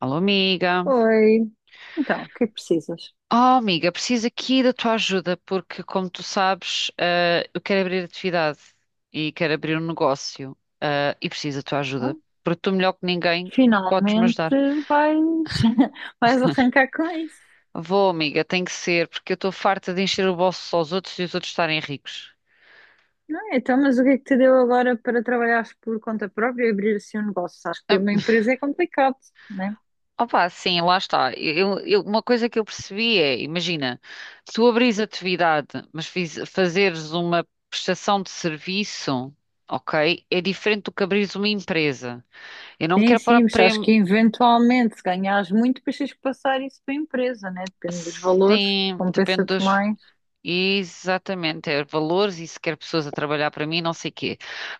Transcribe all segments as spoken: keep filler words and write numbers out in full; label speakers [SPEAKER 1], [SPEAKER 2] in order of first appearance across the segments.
[SPEAKER 1] Alô, amiga.
[SPEAKER 2] Oi, então, o que é que precisas?
[SPEAKER 1] Oh, amiga, preciso aqui da tua ajuda, porque, como tu sabes, eh, eu quero abrir atividade e quero abrir um negócio, eh, e preciso da tua
[SPEAKER 2] Ah,
[SPEAKER 1] ajuda, porque tu, melhor que ninguém, podes-me
[SPEAKER 2] finalmente
[SPEAKER 1] ajudar.
[SPEAKER 2] vais, vais arrancar com isso,
[SPEAKER 1] Vou, amiga, tem que ser, porque eu estou farta de encher o bolso aos outros e os outros estarem ricos.
[SPEAKER 2] não é? Então, mas o que é que te deu agora para trabalhares por conta própria e abrir assim um negócio? Sabes que ter
[SPEAKER 1] Hum.
[SPEAKER 2] uma empresa é complicado, né?
[SPEAKER 1] Opa, sim, lá está. Eu- eu- uma coisa que eu percebi é, imagina, se tu abris atividade, mas fiz- fazeres uma prestação de serviço, ok, é diferente do que abris uma empresa. Eu não
[SPEAKER 2] Sim,
[SPEAKER 1] quero parar
[SPEAKER 2] sim, mas acho
[SPEAKER 1] prêmio.
[SPEAKER 2] que eventualmente, se ganhares muito, depois tens que passar isso para a empresa, né? Depende dos valores,
[SPEAKER 1] Sim, depende
[SPEAKER 2] compensa-te
[SPEAKER 1] dos.
[SPEAKER 2] mais.
[SPEAKER 1] Exatamente, é valores e se quer pessoas a trabalhar para mim, não sei quê.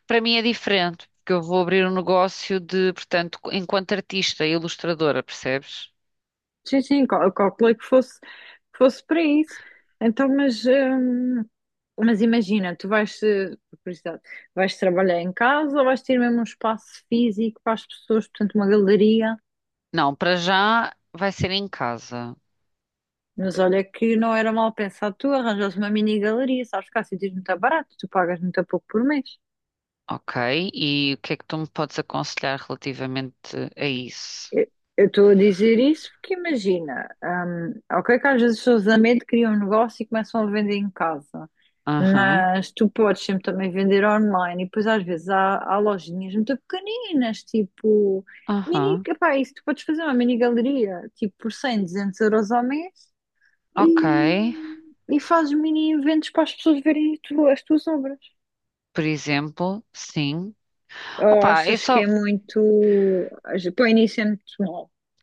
[SPEAKER 1] Para mim é diferente, porque eu vou abrir um negócio de, portanto, enquanto artista e ilustradora, percebes?
[SPEAKER 2] Sim, sim, cal- eu calculei que fosse, que fosse para isso. Então, mas, hum, mas imagina, tu vais, eh, por curiosidade, vais trabalhar em casa ou vais ter mesmo um espaço físico para as pessoas, portanto, uma galeria.
[SPEAKER 1] Não, para já vai ser em casa.
[SPEAKER 2] Mas olha que não era mal pensado tu arranjas uma mini galeria, sabes que há sítios muito baratos, tu pagas muito pouco por mês.
[SPEAKER 1] Ok, e o que é que tu me podes aconselhar relativamente a isso?
[SPEAKER 2] Eu eu estou a dizer isso porque imagina, hum, ok que às vezes as pessoas a medo criam um negócio e começam a vender em casa.
[SPEAKER 1] Aham,
[SPEAKER 2] Mas tu podes sempre também vender online e depois às vezes há, há lojinhas muito pequeninas, tipo mini,
[SPEAKER 1] aham,
[SPEAKER 2] epá, isso tu podes fazer uma mini galeria, tipo por cem, duzentos euros ao mês e,
[SPEAKER 1] ok.
[SPEAKER 2] e fazes mini eventos para as pessoas verem tu- as tuas obras.
[SPEAKER 1] Por exemplo, sim.
[SPEAKER 2] Ou
[SPEAKER 1] Opa, é
[SPEAKER 2] achas que é
[SPEAKER 1] só,
[SPEAKER 2] muito, para o início é muito,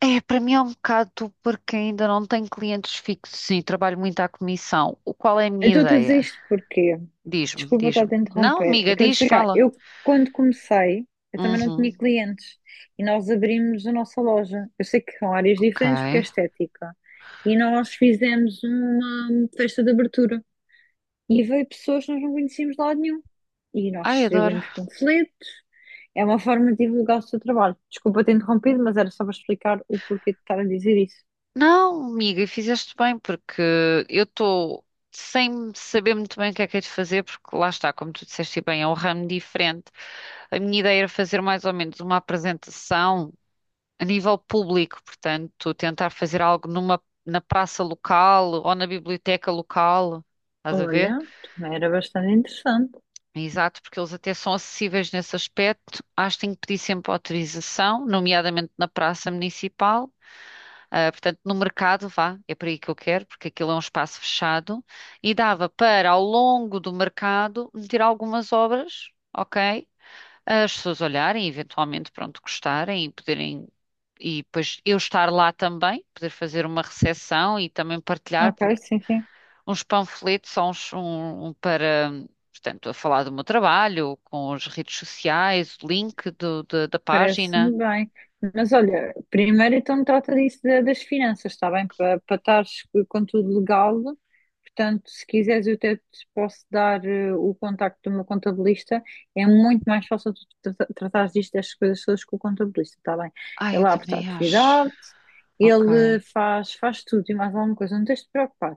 [SPEAKER 1] é, para mim é um bocado porque ainda não tenho clientes fixos, sim, trabalho muito à comissão. O qual é a
[SPEAKER 2] eu
[SPEAKER 1] minha
[SPEAKER 2] estou a dizer
[SPEAKER 1] ideia?
[SPEAKER 2] isto porque,
[SPEAKER 1] Diz-me,
[SPEAKER 2] desculpa estar a
[SPEAKER 1] diz-me.
[SPEAKER 2] te
[SPEAKER 1] Não,
[SPEAKER 2] interromper, é
[SPEAKER 1] amiga,
[SPEAKER 2] que eu ia
[SPEAKER 1] diz,
[SPEAKER 2] chegar,
[SPEAKER 1] fala.
[SPEAKER 2] eu quando comecei, eu também não tinha
[SPEAKER 1] Uhum,
[SPEAKER 2] clientes e nós abrimos a nossa loja. Eu sei que são áreas
[SPEAKER 1] ok.
[SPEAKER 2] diferentes porque é estética e nós fizemos uma festa de abertura e veio pessoas que nós não conhecíamos de lado nenhum e nós
[SPEAKER 1] Ai, adoro.
[SPEAKER 2] distribuímos panfletos, é uma forma de divulgar o seu trabalho. Desculpa ter interrompido, mas era só para explicar o porquê de estar a dizer isso.
[SPEAKER 1] Não, amiga, e fizeste bem, porque eu estou sem saber muito bem o que é que hei de fazer, porque lá está, como tu disseste e bem, é um ramo diferente. A minha ideia era fazer mais ou menos uma apresentação a nível público, portanto, tentar fazer algo numa, na praça local ou na biblioteca local, estás a ver?
[SPEAKER 2] Olha, também era bastante interessante.
[SPEAKER 1] Exato, porque eles até são acessíveis nesse aspecto. Acho que tenho que pedir sempre autorização, nomeadamente na praça municipal. Ah, portanto, no mercado, vá, é para aí que eu quero, porque aquilo é um espaço fechado, e dava para, ao longo do mercado, meter algumas obras, ok? As pessoas olharem, eventualmente, pronto, gostarem e poderem, e depois eu estar lá também, poder fazer uma recepção e também partilhar,
[SPEAKER 2] Ok,
[SPEAKER 1] porque
[SPEAKER 2] sim, sim.
[SPEAKER 1] uns panfletos são uns, um, um para, portanto, a falar do meu trabalho, com as redes sociais, o link do- da da página.
[SPEAKER 2] Parece-me bem. Mas olha, primeiro então trata disso da- das finanças, está bem? Para para estares com tudo legal. Portanto, se quiseres, eu até te posso dar eh, o contacto do meu contabilista. É muito mais fácil tu trata- tratares disto, destas coisas todas com o contabilista, está bem?
[SPEAKER 1] Ai, eu
[SPEAKER 2] Ele abre a
[SPEAKER 1] também acho,
[SPEAKER 2] atividade, ele
[SPEAKER 1] ok.
[SPEAKER 2] faz, faz tudo e mais alguma coisa. Não tens de te preocupar.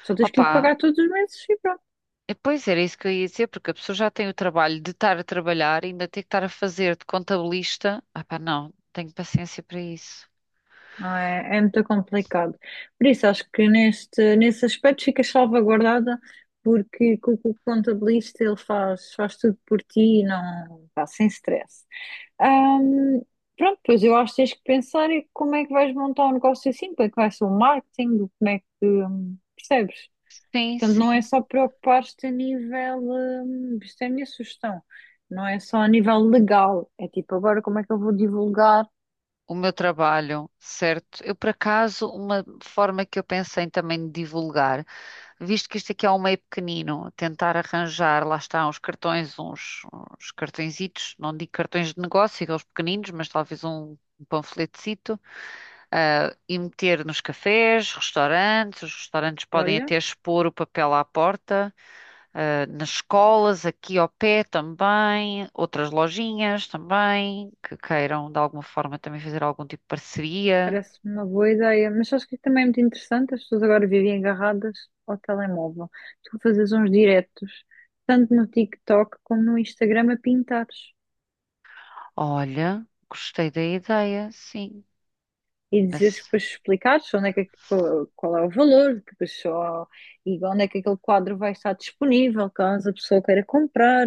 [SPEAKER 2] Só tens que lhe
[SPEAKER 1] Opa,
[SPEAKER 2] pagar todos os meses e pronto.
[SPEAKER 1] Eh, pois era isso que eu ia dizer, porque a pessoa já tem o trabalho de estar a trabalhar, e ainda tem que estar a fazer de contabilista. Ah, pá, não, tenho paciência para isso.
[SPEAKER 2] Não é, é muito complicado. Por isso, acho que neste, nesse aspecto fica salvaguardada, porque co- co- o contabilista ele faz, faz tudo por ti e não pá, sem stress. Ahm, Pronto, pois eu acho que tens que pensar em como é que vais montar um negócio assim, como é que vai ser o marketing, como é que hum, percebes?
[SPEAKER 1] Sim,
[SPEAKER 2] Portanto, não é
[SPEAKER 1] sim.
[SPEAKER 2] só preocupar-te a nível, hum, isto é a minha sugestão, não é só a nível legal, é tipo agora como é que eu vou divulgar.
[SPEAKER 1] O meu trabalho, certo? Eu, por acaso, uma forma que eu pensei também de divulgar, visto que isto aqui é um meio pequenino, tentar arranjar, lá está, uns cartões, uns, uns cartõezitos, não digo cartões de negócio, aqueles pequeninos, mas talvez um, um panfletecito, ah, e meter nos cafés, restaurantes, os restaurantes podem
[SPEAKER 2] Olha,
[SPEAKER 1] até expor o papel à porta, ah, nas escolas, aqui ao pé também, outras lojinhas também, que queiram de alguma forma também fazer algum tipo de parceria.
[SPEAKER 2] parece uma boa ideia, mas acho que também é muito interessante. As pessoas agora vivem agarradas ao telemóvel. Tu fazes uns diretos, tanto no TikTok como no Instagram, a pintares
[SPEAKER 1] Olha, gostei da ideia, sim.
[SPEAKER 2] e dizeres que
[SPEAKER 1] Esse-
[SPEAKER 2] depois explicares onde é que, é que- qual qual é o valor que pessoa e onde é que aquele quadro vai estar disponível, caso a pessoa queira comprar.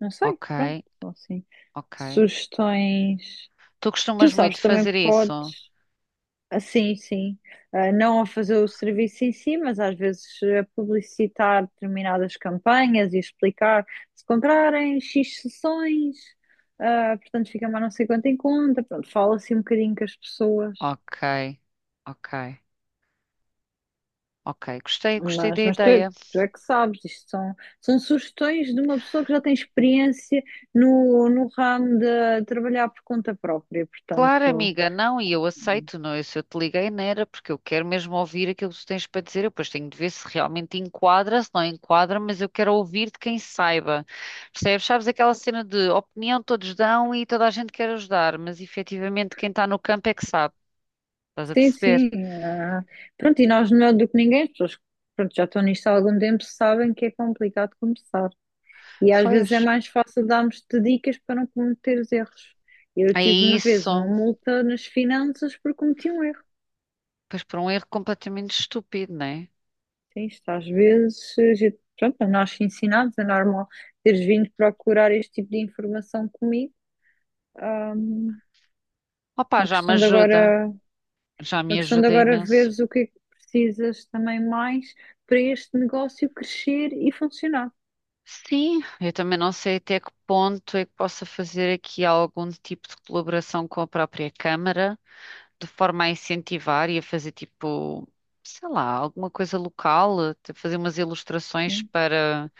[SPEAKER 2] Não sei,
[SPEAKER 1] ok,
[SPEAKER 2] pronto, são assim
[SPEAKER 1] ok.
[SPEAKER 2] sugestões.
[SPEAKER 1] Tu
[SPEAKER 2] Tu
[SPEAKER 1] costumas
[SPEAKER 2] sabes,
[SPEAKER 1] muito
[SPEAKER 2] também
[SPEAKER 1] fazer isso?
[SPEAKER 2] podes. Ah, sim, sim. Ah, não a fazer o serviço em si, mas às vezes a publicitar determinadas campanhas e explicar se comprarem xis sessões, ah, portanto fica mais não sei quanto em conta. Pronto, fala assim um bocadinho com as pessoas.
[SPEAKER 1] Ok, ok, ok. Gostei, gostei da
[SPEAKER 2] Mas, mas tu, é-
[SPEAKER 1] ideia.
[SPEAKER 2] tu é que sabes, isto são, são sugestões de uma pessoa que já tem experiência no, no ramo de trabalhar por conta própria,
[SPEAKER 1] Claro,
[SPEAKER 2] portanto.
[SPEAKER 1] amiga, não, e eu aceito, não, eu, se eu te liguei não era porque eu quero mesmo ouvir aquilo que tu tens para dizer, eu depois tenho de ver se realmente enquadra, se não enquadra, mas eu quero ouvir de quem saiba, percebes? Sabes aquela cena de opinião todos dão e toda a gente quer ajudar, mas efetivamente quem está no campo é que sabe, estás a
[SPEAKER 2] Sim,
[SPEAKER 1] perceber?
[SPEAKER 2] sim. Ah, pronto, e nós melhor do que ninguém, as pessoas que pronto, já estão nisto há algum tempo sabem que é complicado começar. E às vezes
[SPEAKER 1] Pois,
[SPEAKER 2] é mais fácil darmos-te dicas para não cometer os erros. Eu
[SPEAKER 1] é
[SPEAKER 2] tive uma vez uma
[SPEAKER 1] isso,
[SPEAKER 2] multa nas finanças por cometi um erro.
[SPEAKER 1] pois por um erro completamente estúpido, não é?
[SPEAKER 2] Sim, isto às vezes, a gente- pronto, nós ensinados, é normal teres vindo procurar este tipo de informação comigo. Ah,
[SPEAKER 1] Opá,
[SPEAKER 2] uma
[SPEAKER 1] já me
[SPEAKER 2] questão de
[SPEAKER 1] ajuda,
[SPEAKER 2] agora.
[SPEAKER 1] já
[SPEAKER 2] A
[SPEAKER 1] me
[SPEAKER 2] questão de
[SPEAKER 1] ajuda
[SPEAKER 2] agora
[SPEAKER 1] imenso.
[SPEAKER 2] veres o que é que precisas também mais para este negócio crescer e funcionar.
[SPEAKER 1] Sim, eu também não sei até que ponto é que possa fazer aqui algum tipo de colaboração com a própria Câmara, de forma a incentivar e a fazer tipo, sei lá, alguma coisa local, até fazer umas ilustrações
[SPEAKER 2] Sim.
[SPEAKER 1] para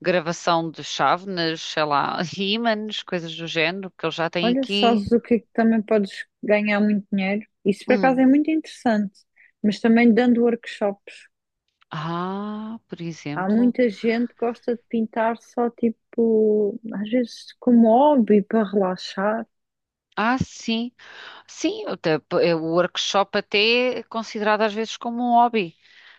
[SPEAKER 1] gravação de chávenas, sei lá, ímãs, coisas do género, que eles já têm
[SPEAKER 2] Olha,
[SPEAKER 1] aqui.
[SPEAKER 2] sabes o que é que também podes ganhar muito dinheiro? Isso por acaso
[SPEAKER 1] Hum.
[SPEAKER 2] é muito interessante, mas também dando workshops.
[SPEAKER 1] Ah, por
[SPEAKER 2] Há
[SPEAKER 1] exemplo.
[SPEAKER 2] muita gente que gosta de pintar só tipo, às vezes como hobby para relaxar.
[SPEAKER 1] Ah, sim. Sim, até- p- é o workshop até é considerado às vezes como um hobby.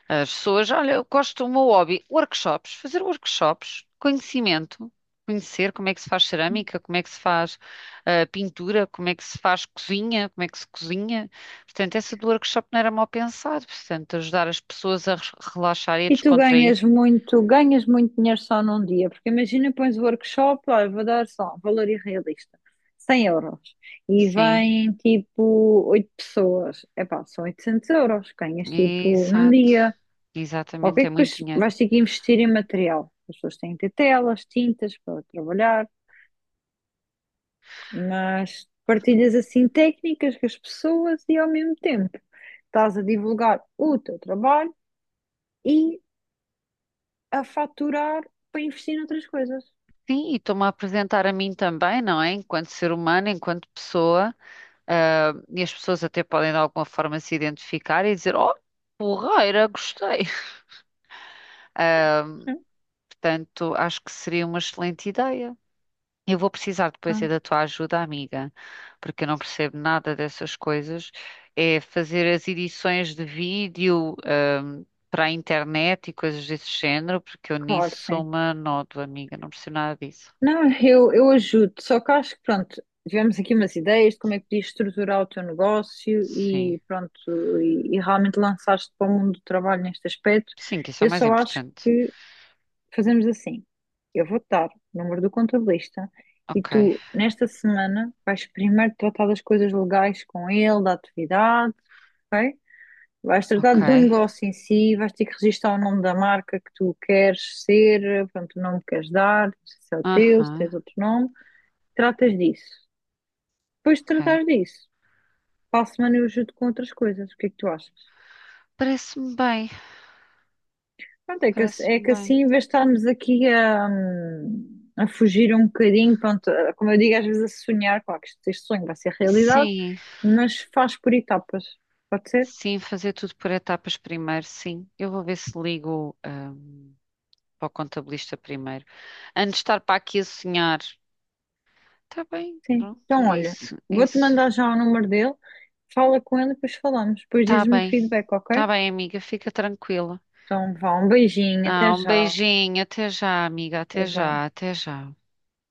[SPEAKER 1] As pessoas, olha, eu gosto do meu hobby, workshops, fazer workshops, conhecimento, conhecer como é que se faz cerâmica, como é que se faz ah, pintura, como é que se faz cozinha, como é que se cozinha. Portanto, essa do workshop não era mal pensado, portanto, ajudar as pessoas a re- relaxar e a
[SPEAKER 2] E tu
[SPEAKER 1] descontrair.
[SPEAKER 2] ganhas muito, ganhas muito dinheiro só num dia, porque imagina, pões o workshop, olha, vou dar só, valor irrealista, cem euros, e
[SPEAKER 1] Sim,
[SPEAKER 2] vêm tipo oito pessoas, epá, são oitocentos euros, ganhas tipo num
[SPEAKER 1] exato,
[SPEAKER 2] dia, ok,
[SPEAKER 1] exatamente, é
[SPEAKER 2] que
[SPEAKER 1] muito
[SPEAKER 2] depois
[SPEAKER 1] dinheiro.
[SPEAKER 2] vais ter que investir em material, as pessoas têm que ter telas, tintas para trabalhar, mas partilhas assim técnicas com as pessoas e ao mesmo tempo estás a divulgar o teu trabalho e a faturar para investir noutras coisas.
[SPEAKER 1] Sim, e estou-me a apresentar a mim também, não é? Enquanto ser humano, enquanto pessoa. Ah, e as pessoas até podem de alguma forma se identificar e dizer: Oh, porreira, gostei. Portanto, acho que seria uma excelente ideia. Eu vou precisar depois é
[SPEAKER 2] Então,
[SPEAKER 1] da tua ajuda, amiga, porque eu não percebo nada dessas coisas. É fazer as edições de vídeo, ahm, para a internet e coisas desse género, porque eu
[SPEAKER 2] claro,
[SPEAKER 1] nisso sou
[SPEAKER 2] sim.
[SPEAKER 1] uma nódoa, amiga, não percebo nada disso.
[SPEAKER 2] Não, eu, eu ajudo, só que acho que, pronto, tivemos aqui umas ideias de como é que podias estruturar o teu negócio
[SPEAKER 1] Sim,
[SPEAKER 2] e, pronto, e, e realmente lançaste para o mundo do trabalho neste aspecto.
[SPEAKER 1] sim, que isso é o
[SPEAKER 2] Eu
[SPEAKER 1] mais
[SPEAKER 2] só acho
[SPEAKER 1] importante.
[SPEAKER 2] que fazemos assim: eu vou-te dar o número do contabilista e
[SPEAKER 1] Ok,
[SPEAKER 2] tu, nesta semana, vais primeiro tratar das coisas legais com ele, da atividade, ok? Vais tratar
[SPEAKER 1] ok,
[SPEAKER 2] do negócio em si, vais ter que registrar o nome da marca que tu queres ser, pronto, o nome que queres dar, se é o teu, se
[SPEAKER 1] aham,
[SPEAKER 2] tens outro nome. Tratas disso. Depois de
[SPEAKER 1] ok.
[SPEAKER 2] tratares disso, para a semana eu ajudo com outras coisas. O que é que tu achas?
[SPEAKER 1] Parece-me bem.
[SPEAKER 2] Pronto, é que, ass- é
[SPEAKER 1] Parece-me
[SPEAKER 2] que
[SPEAKER 1] bem.
[SPEAKER 2] assim, em vez de estarmos aqui a, hum, a fugir um bocadinho, pronto, a- como eu digo, às vezes a sonhar, claro que este este sonho vai ser realidade,
[SPEAKER 1] Sim,
[SPEAKER 2] mas faz por etapas. Pode ser?
[SPEAKER 1] sim, fazer tudo por etapas primeiro, sim. Eu vou ver se ligo, ah, para o contabilista primeiro. Antes de estar para aqui a sonhar. Tá bem,
[SPEAKER 2] Sim.
[SPEAKER 1] pronto,
[SPEAKER 2] Então,
[SPEAKER 1] é
[SPEAKER 2] olha,
[SPEAKER 1] isso, é
[SPEAKER 2] vou-te
[SPEAKER 1] isso.
[SPEAKER 2] mandar já o número dele, fala com ele depois falamos. Depois
[SPEAKER 1] Tá
[SPEAKER 2] dizes-me o
[SPEAKER 1] bem,
[SPEAKER 2] feedback,
[SPEAKER 1] tá
[SPEAKER 2] ok?
[SPEAKER 1] bem, amiga, fica tranquila.
[SPEAKER 2] Então, vá, um beijinho,
[SPEAKER 1] Ah,
[SPEAKER 2] até
[SPEAKER 1] um
[SPEAKER 2] já.
[SPEAKER 1] beijinho, até já, amiga, até
[SPEAKER 2] Até já.
[SPEAKER 1] já, até já.